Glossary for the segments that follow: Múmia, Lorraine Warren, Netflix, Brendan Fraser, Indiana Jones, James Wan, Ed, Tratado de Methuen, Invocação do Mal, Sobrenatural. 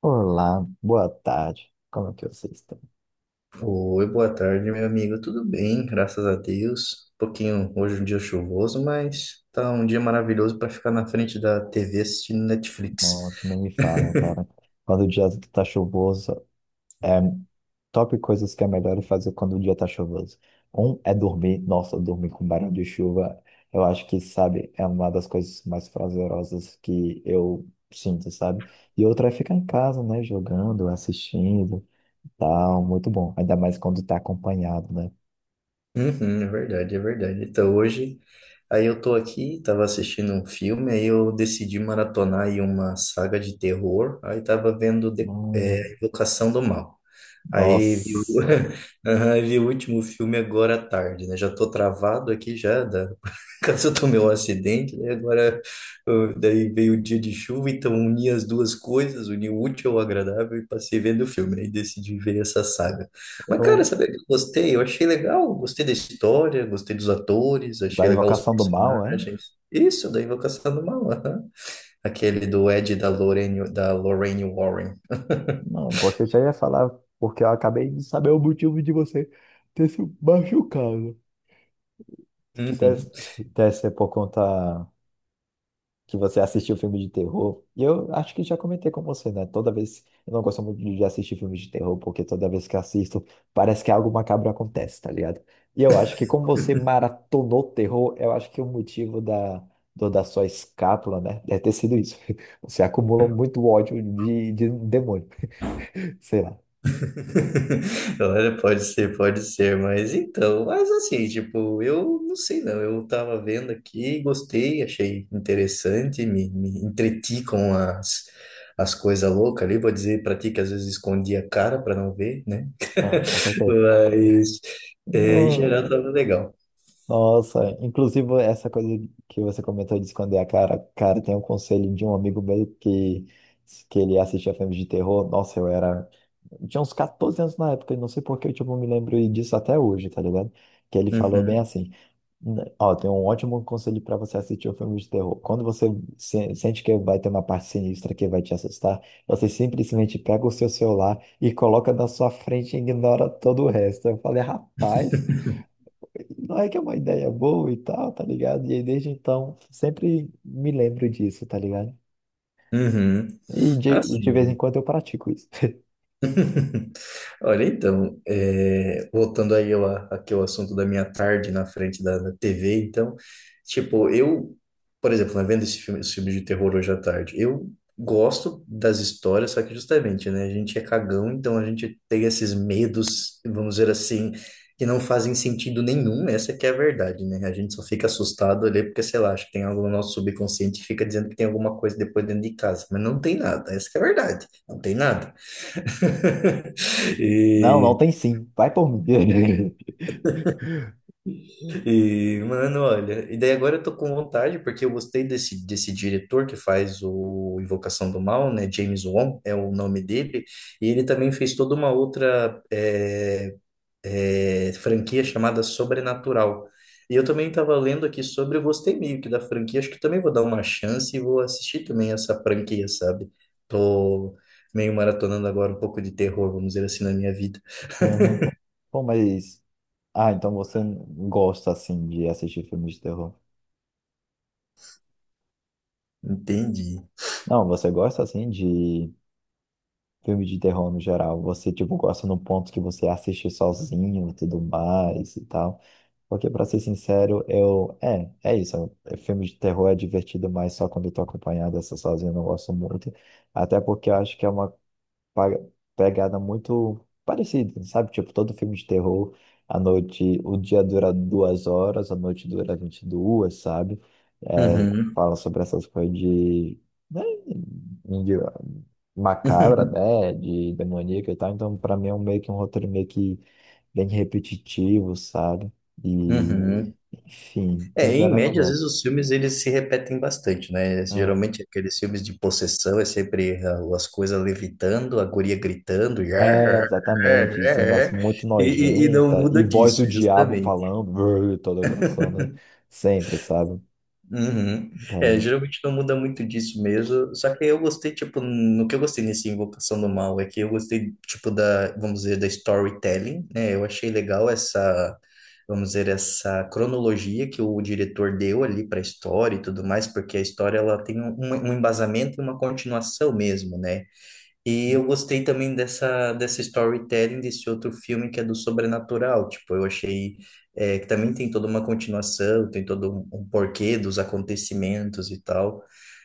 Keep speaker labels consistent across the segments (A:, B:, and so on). A: Olá, boa tarde. Como é que vocês estão?
B: Oi, boa tarde, meu amigo. Tudo bem, graças a Deus. Um pouquinho hoje é um dia chuvoso, mas tá um dia maravilhoso para ficar na frente da TV assistindo Netflix.
A: Nossa, nem me falam, cara. Quando o dia tá chuvoso, é top coisas que é melhor fazer quando o dia tá chuvoso. Um é dormir. Nossa, dormir com barulho de chuva, eu acho que, sabe, é uma das coisas mais prazerosas que eu sinto, sabe? E outra é ficar em casa, né, jogando, assistindo, tal, muito bom. Ainda mais quando tá acompanhado, né?
B: Uhum, é verdade, é verdade. Então hoje, aí eu tô aqui, tava assistindo um filme, aí eu decidi maratonar aí uma saga de terror, aí tava vendo
A: Hum.
B: Invocação do Mal. Aí vi, o
A: Nossa.
B: Aham, vi o último filme agora à tarde, né? Já tô travado aqui já, da... caso eu tomei um acidente, né? Agora, daí veio o dia de chuva, então uni as duas coisas, uni o útil ao agradável e passei vendo o filme, aí decidi ver essa saga. Mas, cara,
A: eu-
B: sabe o que eu gostei? Eu achei legal, gostei da história, gostei dos atores,
A: Da
B: achei legal os
A: Invocação do Mal, é?
B: personagens. Isso, da Invocação do Mal, aham. Aquele do Ed e da Lorraine Warren.
A: Não, porque eu já ia falar, porque eu acabei de saber o motivo de você ter se machucado. Que deve,
B: Uhum.
A: deve ser por conta que você assistiu filme de terror. E eu acho que já comentei com você, né? Toda vez. Eu não gosto muito de assistir filme de terror, porque toda vez que assisto, parece que algo macabro acontece, tá ligado? E eu acho que como você maratonou terror, eu acho que o motivo da, da sua escápula, né? Deve ter sido isso. Você acumulou muito ódio de um demônio. Sei lá.
B: Olha, pode ser, mas então, mas assim, tipo, eu não sei não, eu tava vendo aqui, gostei, achei interessante, me entreti com as, as coisas loucas ali, vou dizer pra ti que às vezes escondi a cara pra não ver, né?
A: Ah, com certeza.
B: Mas, é, em
A: No-
B: geral, tava legal.
A: Nossa, inclusive essa coisa que você comentou de esconder a cara, cara, tem um conselho de um amigo meu que ele assistia filmes de terror. Nossa, eu era. Eu tinha uns 14 anos na época, e não sei por que eu, tipo, me lembro disso até hoje, tá ligado? Que ele falou bem
B: Uhum,
A: assim: " Ó, tem um ótimo conselho pra você assistir um filme de terror. Quando você sente que vai ter uma parte sinistra que vai te assustar, você simplesmente pega o seu celular e coloca na sua frente e ignora todo o resto." Eu falei: "Rapaz, não é que é uma ideia boa e tal, tá ligado?" E aí, desde então, sempre me lembro disso, tá ligado?
B: uhum.
A: E de vez em
B: Assim,
A: quando eu pratico isso.
B: Olha, então, voltando aí ao, aquele assunto da minha tarde na frente da TV, então, tipo, eu, por exemplo, né, vendo esse filme de terror hoje à tarde, eu gosto das histórias, só que justamente, né, a gente é cagão, então a gente tem esses medos, vamos dizer assim, que não fazem sentido nenhum, essa que é a verdade, né, a gente só fica assustado ali porque, sei lá, acho que tem algo no nosso subconsciente que fica dizendo que tem alguma coisa depois dentro de casa, mas não tem nada, essa que é a verdade, não tem nada.
A: Não, não
B: E,
A: tem sim. Vai por mim.
B: e, mano, olha, e daí agora eu tô com vontade, porque eu gostei desse diretor que faz o Invocação do Mal, né? James Wan é o nome dele, e ele também fez toda uma outra franquia chamada Sobrenatural. E eu também estava lendo aqui sobre, eu gostei meio que da franquia, acho que também vou dar uma chance e vou assistir também essa franquia, sabe? Tô meio maratonando agora um pouco de terror, vamos dizer assim, na minha vida.
A: Uhum. Pô, mas. Ah, então você gosta, assim, de assistir filmes de terror?
B: Entendi.
A: Não, você gosta, assim, de filme de terror no geral. Você, tipo, gosta no ponto que você assiste sozinho e tudo mais e tal. Porque, pra ser sincero, eu. É, é isso. Filme de terror é divertido, mas só quando eu tô acompanhado, essa sozinho eu não gosto muito. Até porque eu acho que é uma pa- pegada muito parecida, sabe? Tipo, todo filme de terror, a noite. O dia dura duas horas, a noite dura vinte e duas, sabe? É,
B: Uhum.
A: fala sobre essas coisas de, né, de macabra, né? De demoníaca e tal. Então, pra mim, é um meio que um roteiro meio que bem repetitivo, sabe? E
B: Uhum.
A: enfim, no
B: É, em
A: geral eu não
B: média, às vezes
A: gosto.
B: os filmes eles se repetem bastante, né?
A: É,
B: Geralmente aqueles filmes de possessão é sempre ah, as coisas levitando, a guria gritando,
A: é exatamente. Cenas muito
B: e não
A: nojentas
B: muda
A: e voz do
B: disso,
A: diabo
B: justamente.
A: falando, brrr, toda grossona, né? Sempre, sabe?
B: Uhum. É,
A: Daí,
B: geralmente não muda muito disso mesmo. Só que eu gostei, tipo, no que eu gostei nesse Invocação do Mal é que eu gostei, tipo, da, vamos dizer, da storytelling, né? Eu achei legal essa, vamos dizer, essa cronologia que o diretor deu ali para a história e tudo mais, porque a história ela tem um um embasamento e uma continuação mesmo, né? E eu gostei também dessa storytelling desse outro filme que é do sobrenatural. Tipo, eu achei que também tem toda uma continuação, tem todo um porquê dos acontecimentos e tal.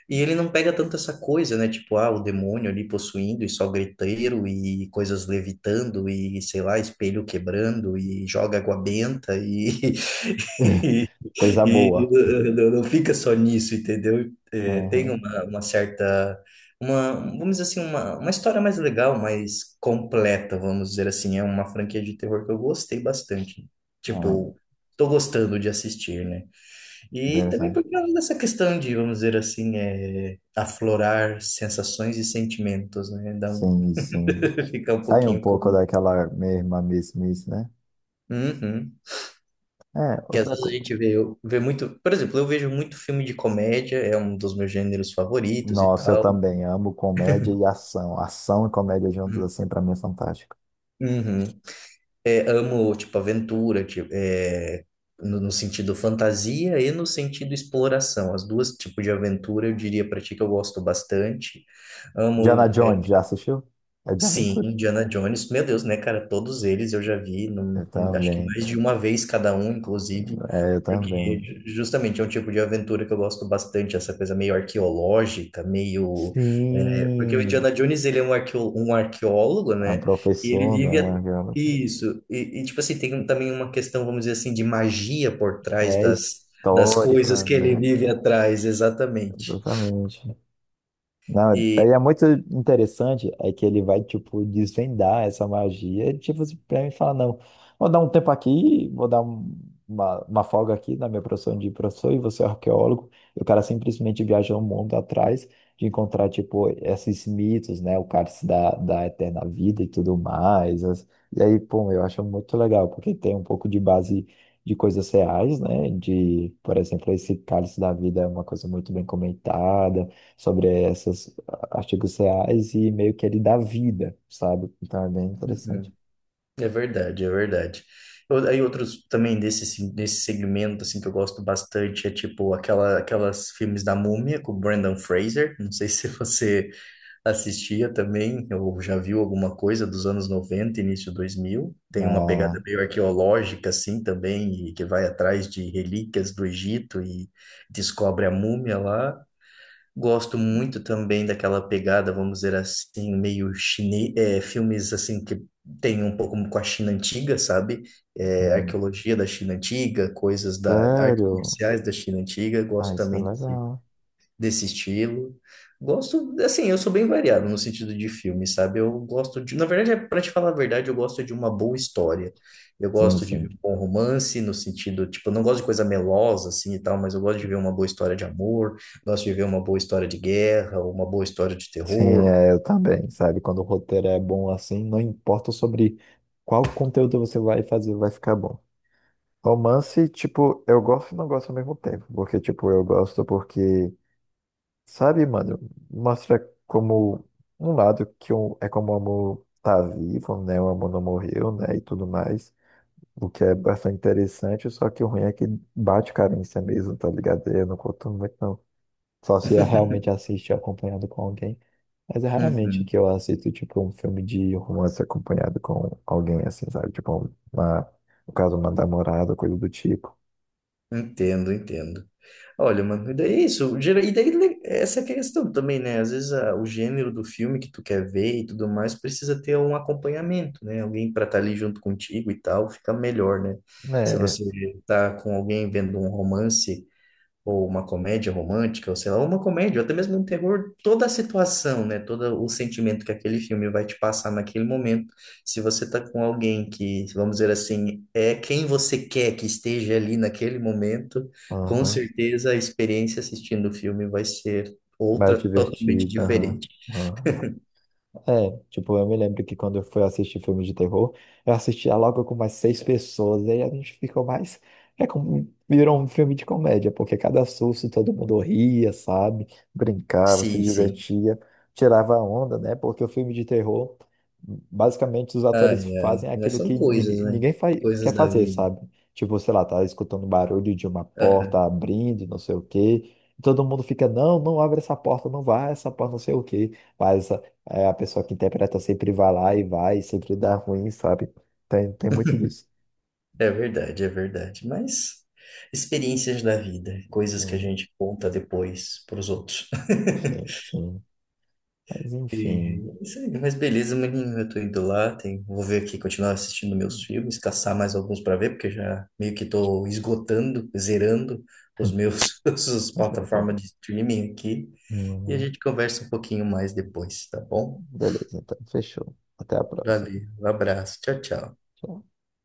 B: E ele não pega tanto essa coisa, né? Tipo, ah, o demônio ali possuindo e só griteiro e coisas levitando e, sei lá, espelho quebrando e joga água benta e
A: coisa
B: E, e
A: boa.
B: não fica só nisso, entendeu? É, tem
A: Aham,
B: uma certa, uma, vamos dizer assim, uma história mais legal, mais completa, vamos dizer assim. É uma franquia de terror que eu gostei bastante.
A: aham,
B: Tipo, tô gostando de assistir, né? E também
A: interessante.
B: por causa dessa questão de, vamos dizer assim, é, aflorar sensações e sentimentos, né? Dá um,
A: Sim, sim.
B: fica um
A: Sai um
B: pouquinho com...
A: pouco daquela mesma mesmice, né?
B: Uhum.
A: É,
B: Que às
A: outra
B: vezes a
A: coisa.
B: gente vê, vê muito. Por exemplo, eu vejo muito filme de comédia, é um dos meus gêneros favoritos e
A: Nossa, eu
B: tal.
A: também amo comédia e ação. Ação e comédia juntos,
B: Uhum.
A: assim, pra mim é fantástico.
B: Uhum. É, amo, tipo, aventura, tipo, no sentido fantasia e no sentido exploração. As duas tipos de aventura eu diria pra ti que eu gosto bastante.
A: Diana
B: Amo
A: Jones, já assistiu? É de
B: Sim,
A: aventura.
B: Indiana Jones, meu Deus, né, cara? Todos eles eu já vi,
A: Eu
B: acho que
A: também.
B: mais de uma vez cada um, inclusive,
A: É, eu
B: porque
A: também.
B: justamente é um tipo de aventura que eu gosto bastante, essa coisa meio arqueológica, meio. É, porque o
A: Sim,
B: Indiana Jones, ele é um, arqueo, um arqueólogo,
A: a
B: né? E ele
A: professora,
B: vive.
A: né? Aquela...
B: Isso, e, tipo assim, tem um, também uma questão, vamos dizer assim, de magia por trás
A: É
B: das, das coisas
A: histórica,
B: que ele
A: né?
B: vive atrás, exatamente.
A: Exatamente. Não,
B: E.
A: daí é muito interessante é que ele vai, tipo, desvendar essa magia, tipo, assim, pra mim falar: "Não, vou dar um tempo aqui, vou dar uma folga aqui na minha profissão de professor", e você é arqueólogo, e o cara simplesmente viaja o mundo atrás de encontrar, tipo, esses mitos, né, o cálice da, da eterna vida e tudo mais, as... E aí, pô, eu acho muito legal, porque tem um pouco de base de coisas reais, né, de, por exemplo, esse cálice da vida é uma coisa muito bem comentada, sobre esses artigos reais e meio que ele dá vida, sabe? Então é bem interessante.
B: Uhum. É verdade, é verdade. Aí outros também desse, desse segmento assim que eu gosto bastante é tipo aquela, aquelas filmes da Múmia com o Brendan Fraser. Não sei se você assistia também ou já viu alguma coisa dos anos 90 início 2000. Tem uma pegada
A: Ah,
B: meio arqueológica assim também e que vai atrás de relíquias do Egito e descobre a múmia lá. Gosto muito também daquela pegada, vamos dizer assim, meio chinês, é, filmes assim que tem um pouco com a China antiga, sabe? É,
A: hum,
B: arqueologia da China antiga, coisas da artes
A: sério?
B: marciais da China antiga.
A: Ah,
B: Gosto
A: isso é
B: também
A: legal.
B: desse estilo. Gosto, assim, eu sou bem variado no sentido de filme, sabe? Eu gosto de, na verdade, é para te falar a verdade, eu gosto de uma boa história. Eu
A: Sim,
B: gosto de ver
A: sim.
B: um bom romance, no sentido, tipo, eu não gosto de coisa melosa, assim, e tal, mas eu gosto de ver uma boa história de amor, gosto de ver uma boa história de guerra, uma boa história de
A: Sim,
B: terror.
A: é, eu também, sabe? Quando o roteiro é bom assim, não importa sobre qual conteúdo você vai fazer, vai ficar bom. Romance, tipo, eu gosto e não gosto ao mesmo tempo, porque, tipo, eu gosto porque, sabe, mano, mostra como um lado que um, é como o amor tá vivo, né? O amor não morreu, né? E tudo mais. O que é bastante interessante, só que o ruim é que bate carência mesmo, tá ligado? Eu não curto muito, não. Só se eu realmente assistir acompanhado com alguém. Mas é raramente
B: Uhum,
A: que eu assisto, tipo, um filme de romance acompanhado com alguém, assim, sabe? Tipo, uma, no caso, uma namorada, coisa do tipo.
B: entendo, entendo. Olha, mano, e daí é isso, e daí essa é a questão também, né? Às vezes o gênero do filme que tu quer ver e tudo mais precisa ter um acompanhamento, né? Alguém para estar ali junto contigo e tal, fica melhor, né? Se
A: Né?
B: você tá com alguém vendo um romance ou uma comédia romântica, ou sei lá, uma comédia, ou até mesmo um terror, toda a situação, né? Todo o sentimento que aquele filme vai te passar naquele momento. Se você tá com alguém que, vamos dizer assim, é quem você quer que esteja ali naquele momento, com
A: Aham.
B: certeza a experiência assistindo o filme vai ser
A: Mais
B: outra totalmente
A: divertido, aham,
B: diferente.
A: aham. É, tipo, eu me lembro que quando eu fui assistir filme de terror, eu assistia logo com mais 6 pessoas, e aí a gente ficou mais. É como, virou um filme de comédia, porque cada susto todo mundo ria, sabe? Brincava, se
B: Sim, sim.
A: divertia, tirava a onda, né? Porque o filme de terror, basicamente, os atores
B: Ai, ai.
A: fazem
B: Mas
A: aquilo que
B: são coisas, né?
A: ninguém fa quer
B: Coisas da
A: fazer,
B: vida.
A: sabe? Tipo, sei lá, tá escutando barulho de uma
B: Ah,
A: porta abrindo, não sei o quê. Todo mundo fica: "Não, não abre essa porta, não vai, essa porta, não sei o quê." Mas é, a pessoa que interpreta sempre vai lá e vai, e sempre dá ruim, sabe? Tem, tem muito disso.
B: é verdade, é verdade. Mas experiências da vida, coisas que a
A: Uhum.
B: gente conta depois para os outros.
A: Sim, sim. Mas
B: E
A: enfim.
B: é isso aí, mas beleza, maninho, eu tô indo lá, vou ver aqui, continuar assistindo meus filmes, caçar mais alguns para ver, porque já meio que tô esgotando, zerando os meus as plataformas de streaming aqui. E a gente conversa um pouquinho mais depois, tá bom?
A: Beleza, então fechou. Até a próxima.
B: Valeu, um abraço, tchau, tchau.
A: Tchau.